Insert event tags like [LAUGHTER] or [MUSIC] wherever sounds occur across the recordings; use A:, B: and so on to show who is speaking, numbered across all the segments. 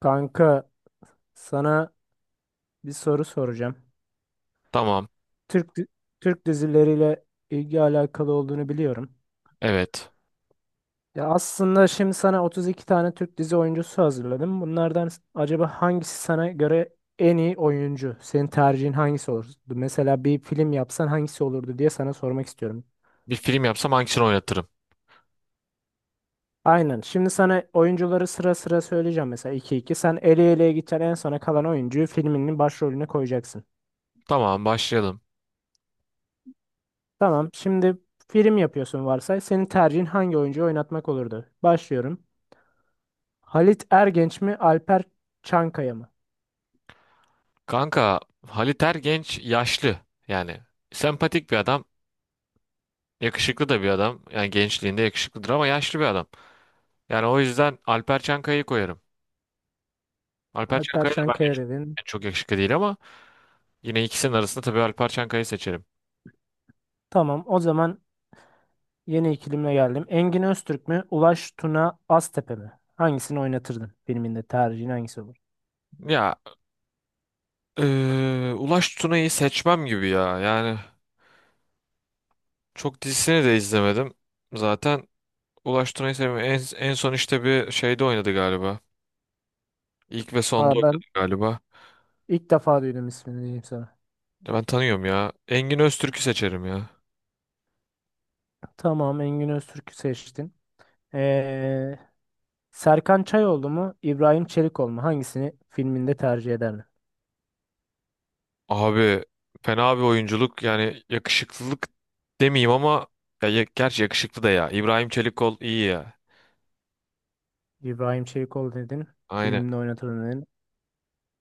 A: Kanka sana bir soru soracağım.
B: Tamam.
A: Türk di- Türk dizileriyle ilgi alakalı olduğunu biliyorum.
B: Evet.
A: Ya aslında şimdi sana 32 tane Türk dizi oyuncusu hazırladım. Acaba hangisi sana göre en iyi oyuncu? Senin tercihin hangisi olurdu? Mesela bir film yapsan hangisi olurdu diye sana sormak istiyorum.
B: Bir film yapsam hangisini oynatırım?
A: Aynen. Şimdi sana oyuncuları sıra sıra söyleyeceğim. Mesela iki iki. Sen eleye eleye gideceksin. En sona kalan oyuncuyu filminin başrolüne koyacaksın.
B: Tamam, başlayalım.
A: Tamam. Şimdi film yapıyorsun varsay. Senin tercihin hangi oyuncuyu oynatmak olurdu? Başlıyorum. Halit Ergenç mi, Alper Çankaya mı?
B: Kanka, Halit Ergenç yaşlı. Yani sempatik bir adam. Yakışıklı da bir adam. Yani gençliğinde yakışıklıdır ama yaşlı bir adam. Yani o yüzden Alper Çankaya'yı koyarım. Alper
A: Alper
B: Çankaya da bence
A: Çankaya
B: çok,
A: dedin.
B: yani çok yakışıklı değil ama yine ikisinin arasında tabii Alper Çankaya'yı seçerim.
A: Tamam. O zaman yeni ikilimle geldim. Engin Öztürk mü, Ulaş Tuna Aztepe mi? Hangisini oynatırdın? Filminde tercihin hangisi olur?
B: Ya Ulaş Tuna'yı seçmem gibi ya. Yani çok dizisini de izlemedim. Zaten Ulaş Tuna'yı sevmiyorum. En son işte bir şeyde oynadı galiba. İlk ve sonda
A: Valla
B: oynadı
A: ben
B: galiba.
A: ilk defa duydum ismini diyeyim sana.
B: Ya ben tanıyorum ya. Engin Öztürk'ü seçerim ya.
A: Tamam. Engin Öztürk'ü seçtin. Ee, Serkan Çayoğlu mu, İbrahim Çelikoğlu mu? Hangisini filminde tercih ederdin?
B: Abi fena bir oyunculuk, yani yakışıklılık demeyeyim ama gerçi yakışıklı da ya. İbrahim Çelikkol iyi ya.
A: İbrahim Çelikoğlu dedin,
B: Aynen.
A: filminde oynatırdın dedin.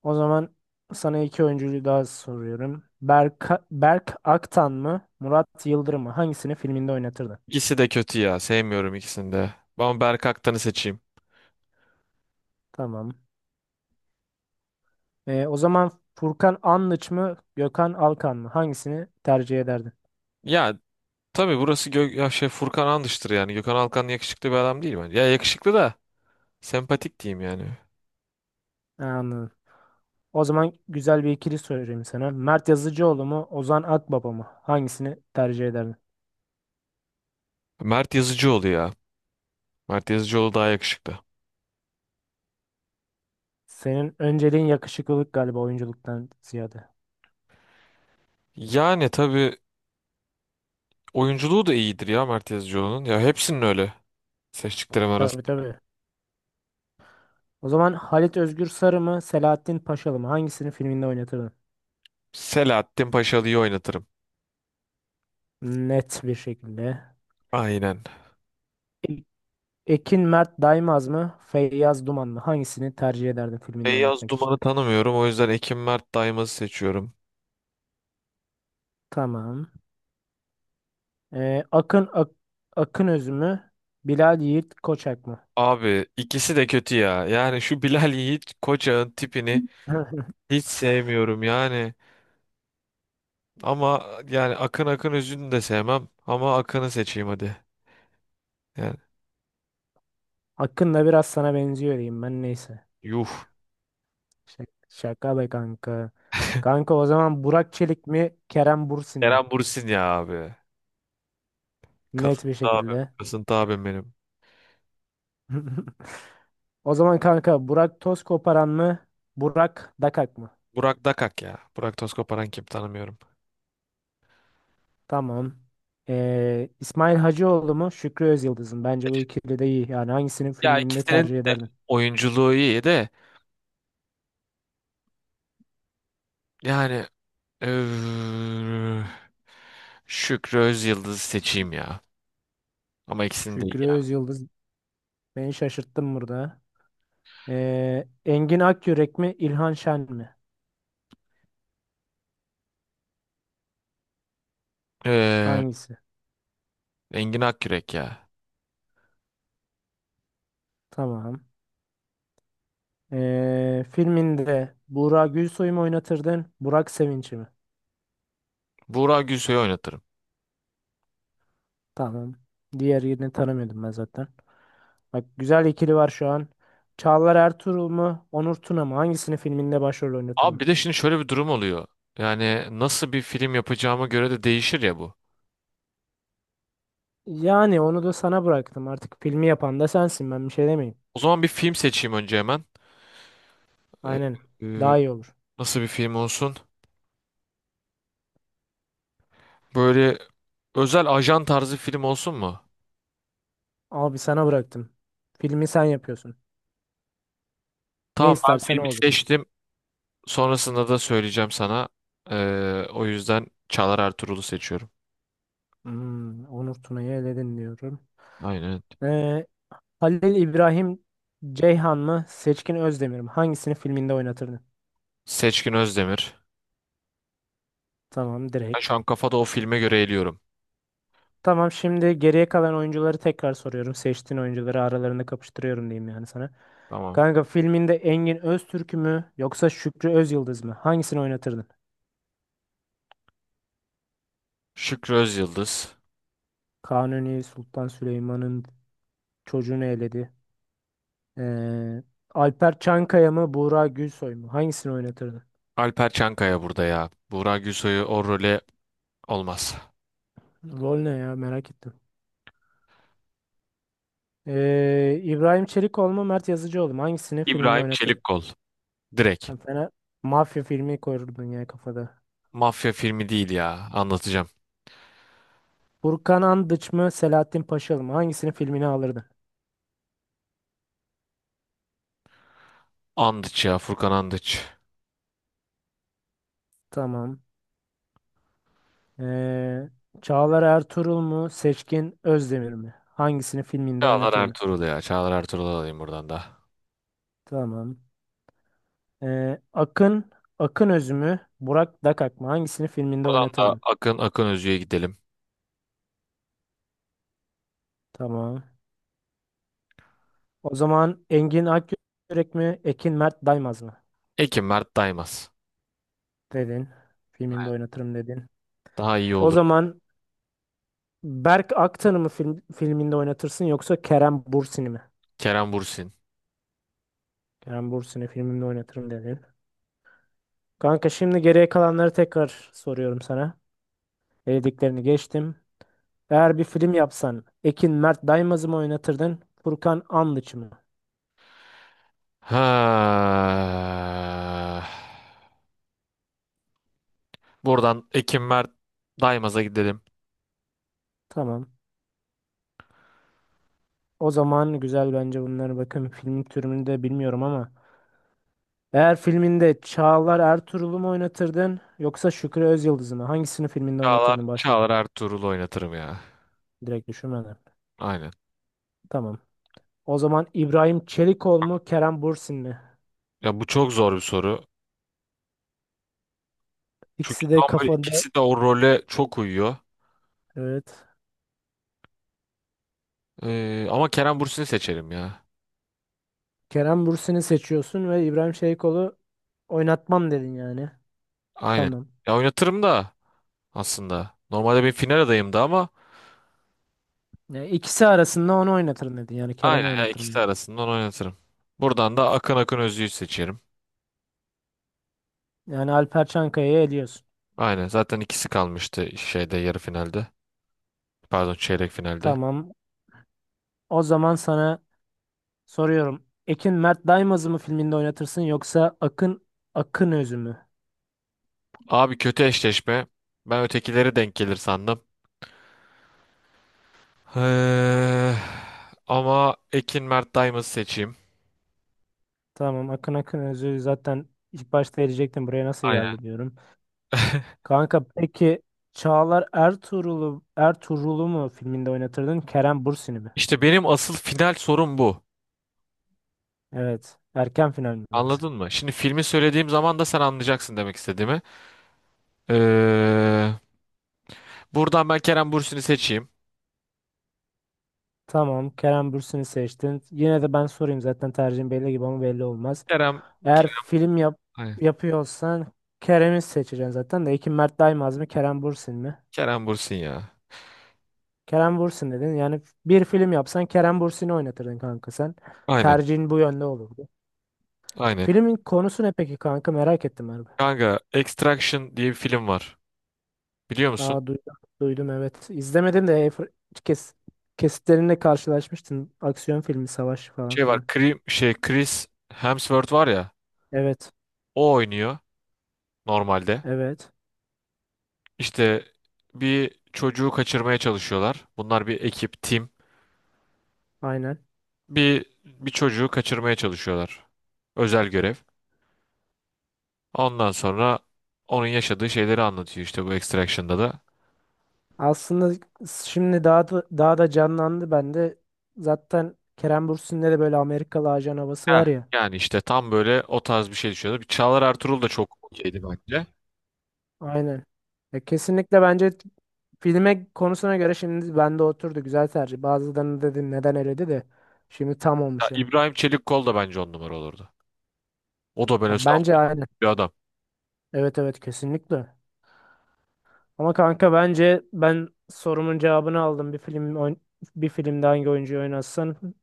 A: O zaman sana iki oyuncuyu daha soruyorum. Berk Aktan mı, Murat Yıldırım mı? Hangisini filminde oynatırdın?
B: İkisi de kötü ya. Sevmiyorum ikisini de. Ben Berk Aktan'ı seçeyim.
A: Tamam. O zaman Furkan Anlıç mı, Gökhan Alkan mı? Hangisini tercih ederdin?
B: Ya tabii burası Gö ya şey Furkan Andış'tır yani. Gökhan Alkan yakışıklı bir adam değil bence. Ya yakışıklı da, sempatik diyeyim yani.
A: Ha, anladım. O zaman güzel bir ikili sorayım sana. Mert Yazıcıoğlu mu, Ozan Akbaba mı? Hangisini tercih ederdin?
B: Mert Yazıcıoğlu ya. Mert Yazıcıoğlu daha yakışıklı.
A: Senin önceliğin yakışıklılık galiba oyunculuktan ziyade.
B: Yani tabii oyunculuğu da iyidir ya Mert Yazıcıoğlu'nun. Ya hepsinin öyle seçtiklerim
A: Tabii
B: arasında.
A: tabii. O zaman Halit Özgür Sarı mı, Selahattin Paşalı mı? Hangisini filminde oynatırdın?
B: Selahattin Paşalı'yı oynatırım.
A: Net bir şekilde.
B: Aynen.
A: E- Ekin Mert Daimaz mı, Feyyaz Duman mı? Hangisini tercih ederdin filminde
B: Feyyaz
A: oynatmak için?
B: Duman'ı tanımıyorum, o yüzden Ekim Mert Daymaz'ı seçiyorum.
A: Tamam. Ee, Akın Ak Akın Öz mü, Bilal Yiğit Koçak mı?
B: Abi ikisi de kötü ya. Yani şu Bilal Yiğit Koçak'ın tipini
A: [LAUGHS]
B: hiç sevmiyorum yani. Ama yani Akın Akın Özü'nü de sevmem ama Akın'ı seçeyim hadi. Yani
A: Akın'la biraz sana benziyor diyeyim ben neyse.
B: yuh.
A: Şaka, şaka be kanka. Kanka o zaman Burak Çelik mi, Kerem Bürsin mi?
B: Eren Bursin ya abi.
A: Net
B: Kasıntı
A: bir
B: abim.
A: şekilde.
B: Kasıntı abim benim.
A: [LAUGHS] O zaman kanka Burak toz koparan mı? Burak Dakak mı?
B: Burak Dakak ya. Burak Toskoparan kim, tanımıyorum.
A: Tamam. İsmail Hacıoğlu mu? Şükrü Özyıldız mı? Bence bu ikili de iyi. Yani hangisinin
B: Ya
A: filminde
B: ikisinin
A: tercih ederdin?
B: oyunculuğu iyi de yani eee, Şükrü Özyıldız'ı seçeyim ya. Ama ikisini de iyi
A: Şükrü
B: ya.
A: Özyıldız, beni şaşırttın burada. Engin Akyürek mi? İlhan Şen mi?
B: Eee
A: Hangisi?
B: Engin Akyürek ya.
A: Tamam. Filminde Burak Gülsoy mu oynatırdın? Burak Sevinç mi?
B: Buğra Gülsoy'u oynatırım.
A: Tamam. Diğer yerini tanımıyordum ben zaten. Bak güzel ikili var şu an. Çağlar Ertuğrul mu? Onur Tuna mı? Hangisini filminde başrol
B: Abi,
A: oynatırdın?
B: bir de şimdi şöyle bir durum oluyor. Yani nasıl bir film yapacağıma göre de değişir ya bu.
A: Yani onu da sana bıraktım. Artık filmi yapan da sensin. Ben bir şey demeyeyim.
B: O zaman bir film seçeyim önce hemen. Eee,
A: Aynen.
B: eee,
A: Daha iyi olur.
B: nasıl bir film olsun? Böyle özel ajan tarzı film olsun mu?
A: Abi sana bıraktım. Filmi sen yapıyorsun. Ne
B: Tamam, ben
A: istersen o
B: filmi
A: olur.
B: seçtim. Sonrasında da söyleyeceğim sana. O yüzden Çağlar Ertuğrul'u seçiyorum.
A: Hmm, Onur Tuna'yı eledin diyorum.
B: Aynen.
A: Ee, Halil İbrahim Ceyhan mı? Seçkin Özdemir mi? Hangisini filminde oynatırdın?
B: Seçkin Özdemir.
A: Tamam
B: Ben şu
A: direkt.
B: an kafada o filme göre eliyorum.
A: Tamam, şimdi geriye kalan oyuncuları tekrar soruyorum. Seçtiğin oyuncuları aralarında kapıştırıyorum diyeyim yani sana.
B: Tamam.
A: Kanka filminde Engin Öztürk mü yoksa Şükrü Özyıldız mı? Hangisini oynatırdın?
B: Şükrü Özyıldız.
A: Kanuni Sultan Süleyman'ın çocuğunu eledi. Ee, Alper Çankaya mı Buğra Gülsoy mu? Hangisini oynatırdın?
B: Alper Çankaya burada ya. Buğra Gülsoy'u o role, olmaz.
A: Rol ne ya, merak ettim. İbrahim Çelikoğlu mu Mert Yazıcıoğlu mu? Hangisini filminde
B: İbrahim
A: oynatırdın?
B: Çelikkol. Direkt.
A: Sen fena mafya filmi koyurdun ya kafada.
B: Mafya filmi değil ya. Anlatacağım.
A: Burkan Andıç mı Selahattin Paşalı mı? Hangisinin filmini alırdın?
B: Andıç ya. Furkan Andıç.
A: Tamam. Ee, Çağlar Ertuğrul mu Seçkin Özdemir mi? Hangisinin filminde
B: Çağlar
A: oynatırdın?
B: Ertuğrul ya. Çağlar Ertuğrul'u alayım buradan da.
A: Tamam. Ee, Akın Akın Öz mü Burak Dakak mı? Hangisinin filminde
B: Buradan da
A: oynatırdın?
B: Akın Akın Özü'ye gidelim.
A: Tamam. O zaman Engin Akyürek mi Ekin Mert Daymaz mı?
B: Ekim Mert Daymaz.
A: Dedin. Filmimde oynatırım dedin.
B: Daha iyi
A: O
B: olur.
A: zaman Berk Aktan'ı mı filminde oynatırsın yoksa Kerem Bürsin'i mi?
B: Kerem Bürsin.
A: Kerem Bürsin'i filmimde oynatırım dedin. Kanka şimdi geriye kalanları tekrar soruyorum sana. Elediklerini geçtim. Eğer bir film yapsan Ekin Mert Daimaz'ı mı oynatırdın? Furkan Anlıç mı?
B: Ha. Buradan Ekim Mert Daimaz'a gidelim.
A: Tamam. O zaman güzel bence bunlar. Bakın, filmin türünü de bilmiyorum ama. Eğer filminde Çağlar Ertuğrul'u mu oynatırdın? Yoksa Şükrü Özyıldız'ı mı? Hangisini filminde
B: Çağlar,
A: oynatırdın? Başrol.
B: Çağlar Ertuğrul'u oynatırım ya.
A: Direkt düşünmeden.
B: Aynen.
A: Tamam. O zaman İbrahim Çelikol mu? Kerem Bürsin mi?
B: Ya bu çok zor bir soru. Çünkü
A: İkisi de
B: tam böyle
A: kafanda.
B: ikisi de o role çok uyuyor.
A: Evet.
B: Ama Kerem Bürsin'i seçerim ya.
A: Kerem Bürsin'i seçiyorsun ve İbrahim Şeykol'u oynatmam dedin yani.
B: Aynen.
A: Tamam.
B: Ya oynatırım da aslında. Normalde bir final adayımdı ama
A: Yani ikisi arasında onu oynatırım dedin. Yani Kerem'i
B: aynen ya,
A: oynatırım
B: ikisi
A: dedin.
B: arasından oynatırım. Buradan da Akın Akın Özü'yü seçerim.
A: Yani Alper Çankaya'yı eliyorsun.
B: Aynen, zaten ikisi kalmıştı şeyde yarı finalde. Pardon, çeyrek finalde.
A: Tamam. O zaman sana soruyorum. Ekin Mert Daimaz'ı mı filminde oynatırsın yoksa Akın Akın Özü mü?
B: Abi kötü eşleşme. Ben ötekileri denk gelir sandım. Eee, Ama Ekin Mert Diamond seçeyim.
A: Tamam, Akın Akın Özü zaten ilk başta elecektim. Buraya nasıl
B: Aynen.
A: geldi diyorum.
B: [LAUGHS]
A: Kanka peki Çağlar Ertuğrul'u Ertuğrul'u mu filminde oynatırdın? Kerem Bürsin'i mi?
B: İşte benim asıl final sorum bu.
A: Evet. Erken final mi yoksa?
B: Anladın mı? Şimdi filmi söylediğim zaman da sen anlayacaksın demek istediğimi. Eee, buradan ben Kerem Bürsin'i seçeyim.
A: Tamam, Kerem Bürsin'i seçtin. Yine de ben sorayım, zaten tercihim belli gibi ama belli olmaz.
B: Kerem,
A: Eğer
B: Kerem,
A: film yap
B: aynen.
A: yapıyorsan Kerem'i seçeceksin zaten de. Ekim Mert Daimaz mı Kerem Bürsin mi?
B: Kerem Bürsin ya.
A: Kerem Bürsin dedin. Yani bir film yapsan Kerem Bürsin'i oynatırdın kanka sen.
B: Aynen,
A: Tercihin bu yönde olurdu.
B: aynen.
A: Filmin konusu ne peki kanka, merak ettim abi.
B: Kanka, Extraction diye bir film var. Biliyor musun?
A: Aa duydum, duydum evet. İzlemedim de kes kesitlerinde karşılaşmıştım. Aksiyon filmi, savaş falan
B: Şey var,
A: filan.
B: Şey Chris Hemsworth var ya.
A: Evet,
B: O oynuyor normalde.
A: evet.
B: İşte bir çocuğu kaçırmaya çalışıyorlar. Bunlar bir ekip, tim.
A: Aynen.
B: Bir çocuğu kaçırmaya çalışıyorlar. Özel görev. Ondan sonra onun yaşadığı şeyleri anlatıyor işte bu Extraction'da da.
A: Aslında şimdi daha da canlandı bende. Zaten Kerem Bürsin'de de böyle Amerikalı ajan havası
B: Heh,
A: var ya.
B: yani işte tam böyle o tarz bir şey düşünüyordu. Bir Çağlar Ertuğrul da çok okeydi bence.
A: Aynen. Ya kesinlikle bence filme konusuna göre şimdi bende oturdu. Güzel tercih. Bazılarını dedim neden eledi de. Şimdi tam
B: Ya
A: olmuş yani.
B: İbrahim Çelikkol da bence on numara olurdu. O da
A: Ya
B: böyle saf
A: bence aynen.
B: bir adam.
A: Evet evet kesinlikle. Ama kanka bence ben sorumun cevabını aldım. Bir filmde hangi oyuncuyu oynasın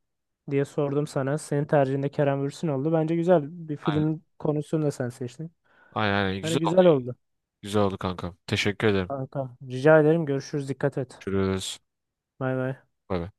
A: diye sordum sana. Senin tercihinde Kerem Bürsin oldu. Bence güzel bir
B: Aynen.
A: filmin konusunu da sen seçtin.
B: Aynen, aynen.
A: Yani
B: Güzel oldu.
A: güzel oldu.
B: Güzel oldu kankam. Teşekkür ederim.
A: Kanka, rica ederim. Görüşürüz. Dikkat et.
B: Görüşürüz.
A: Bay bay.
B: Bay bay.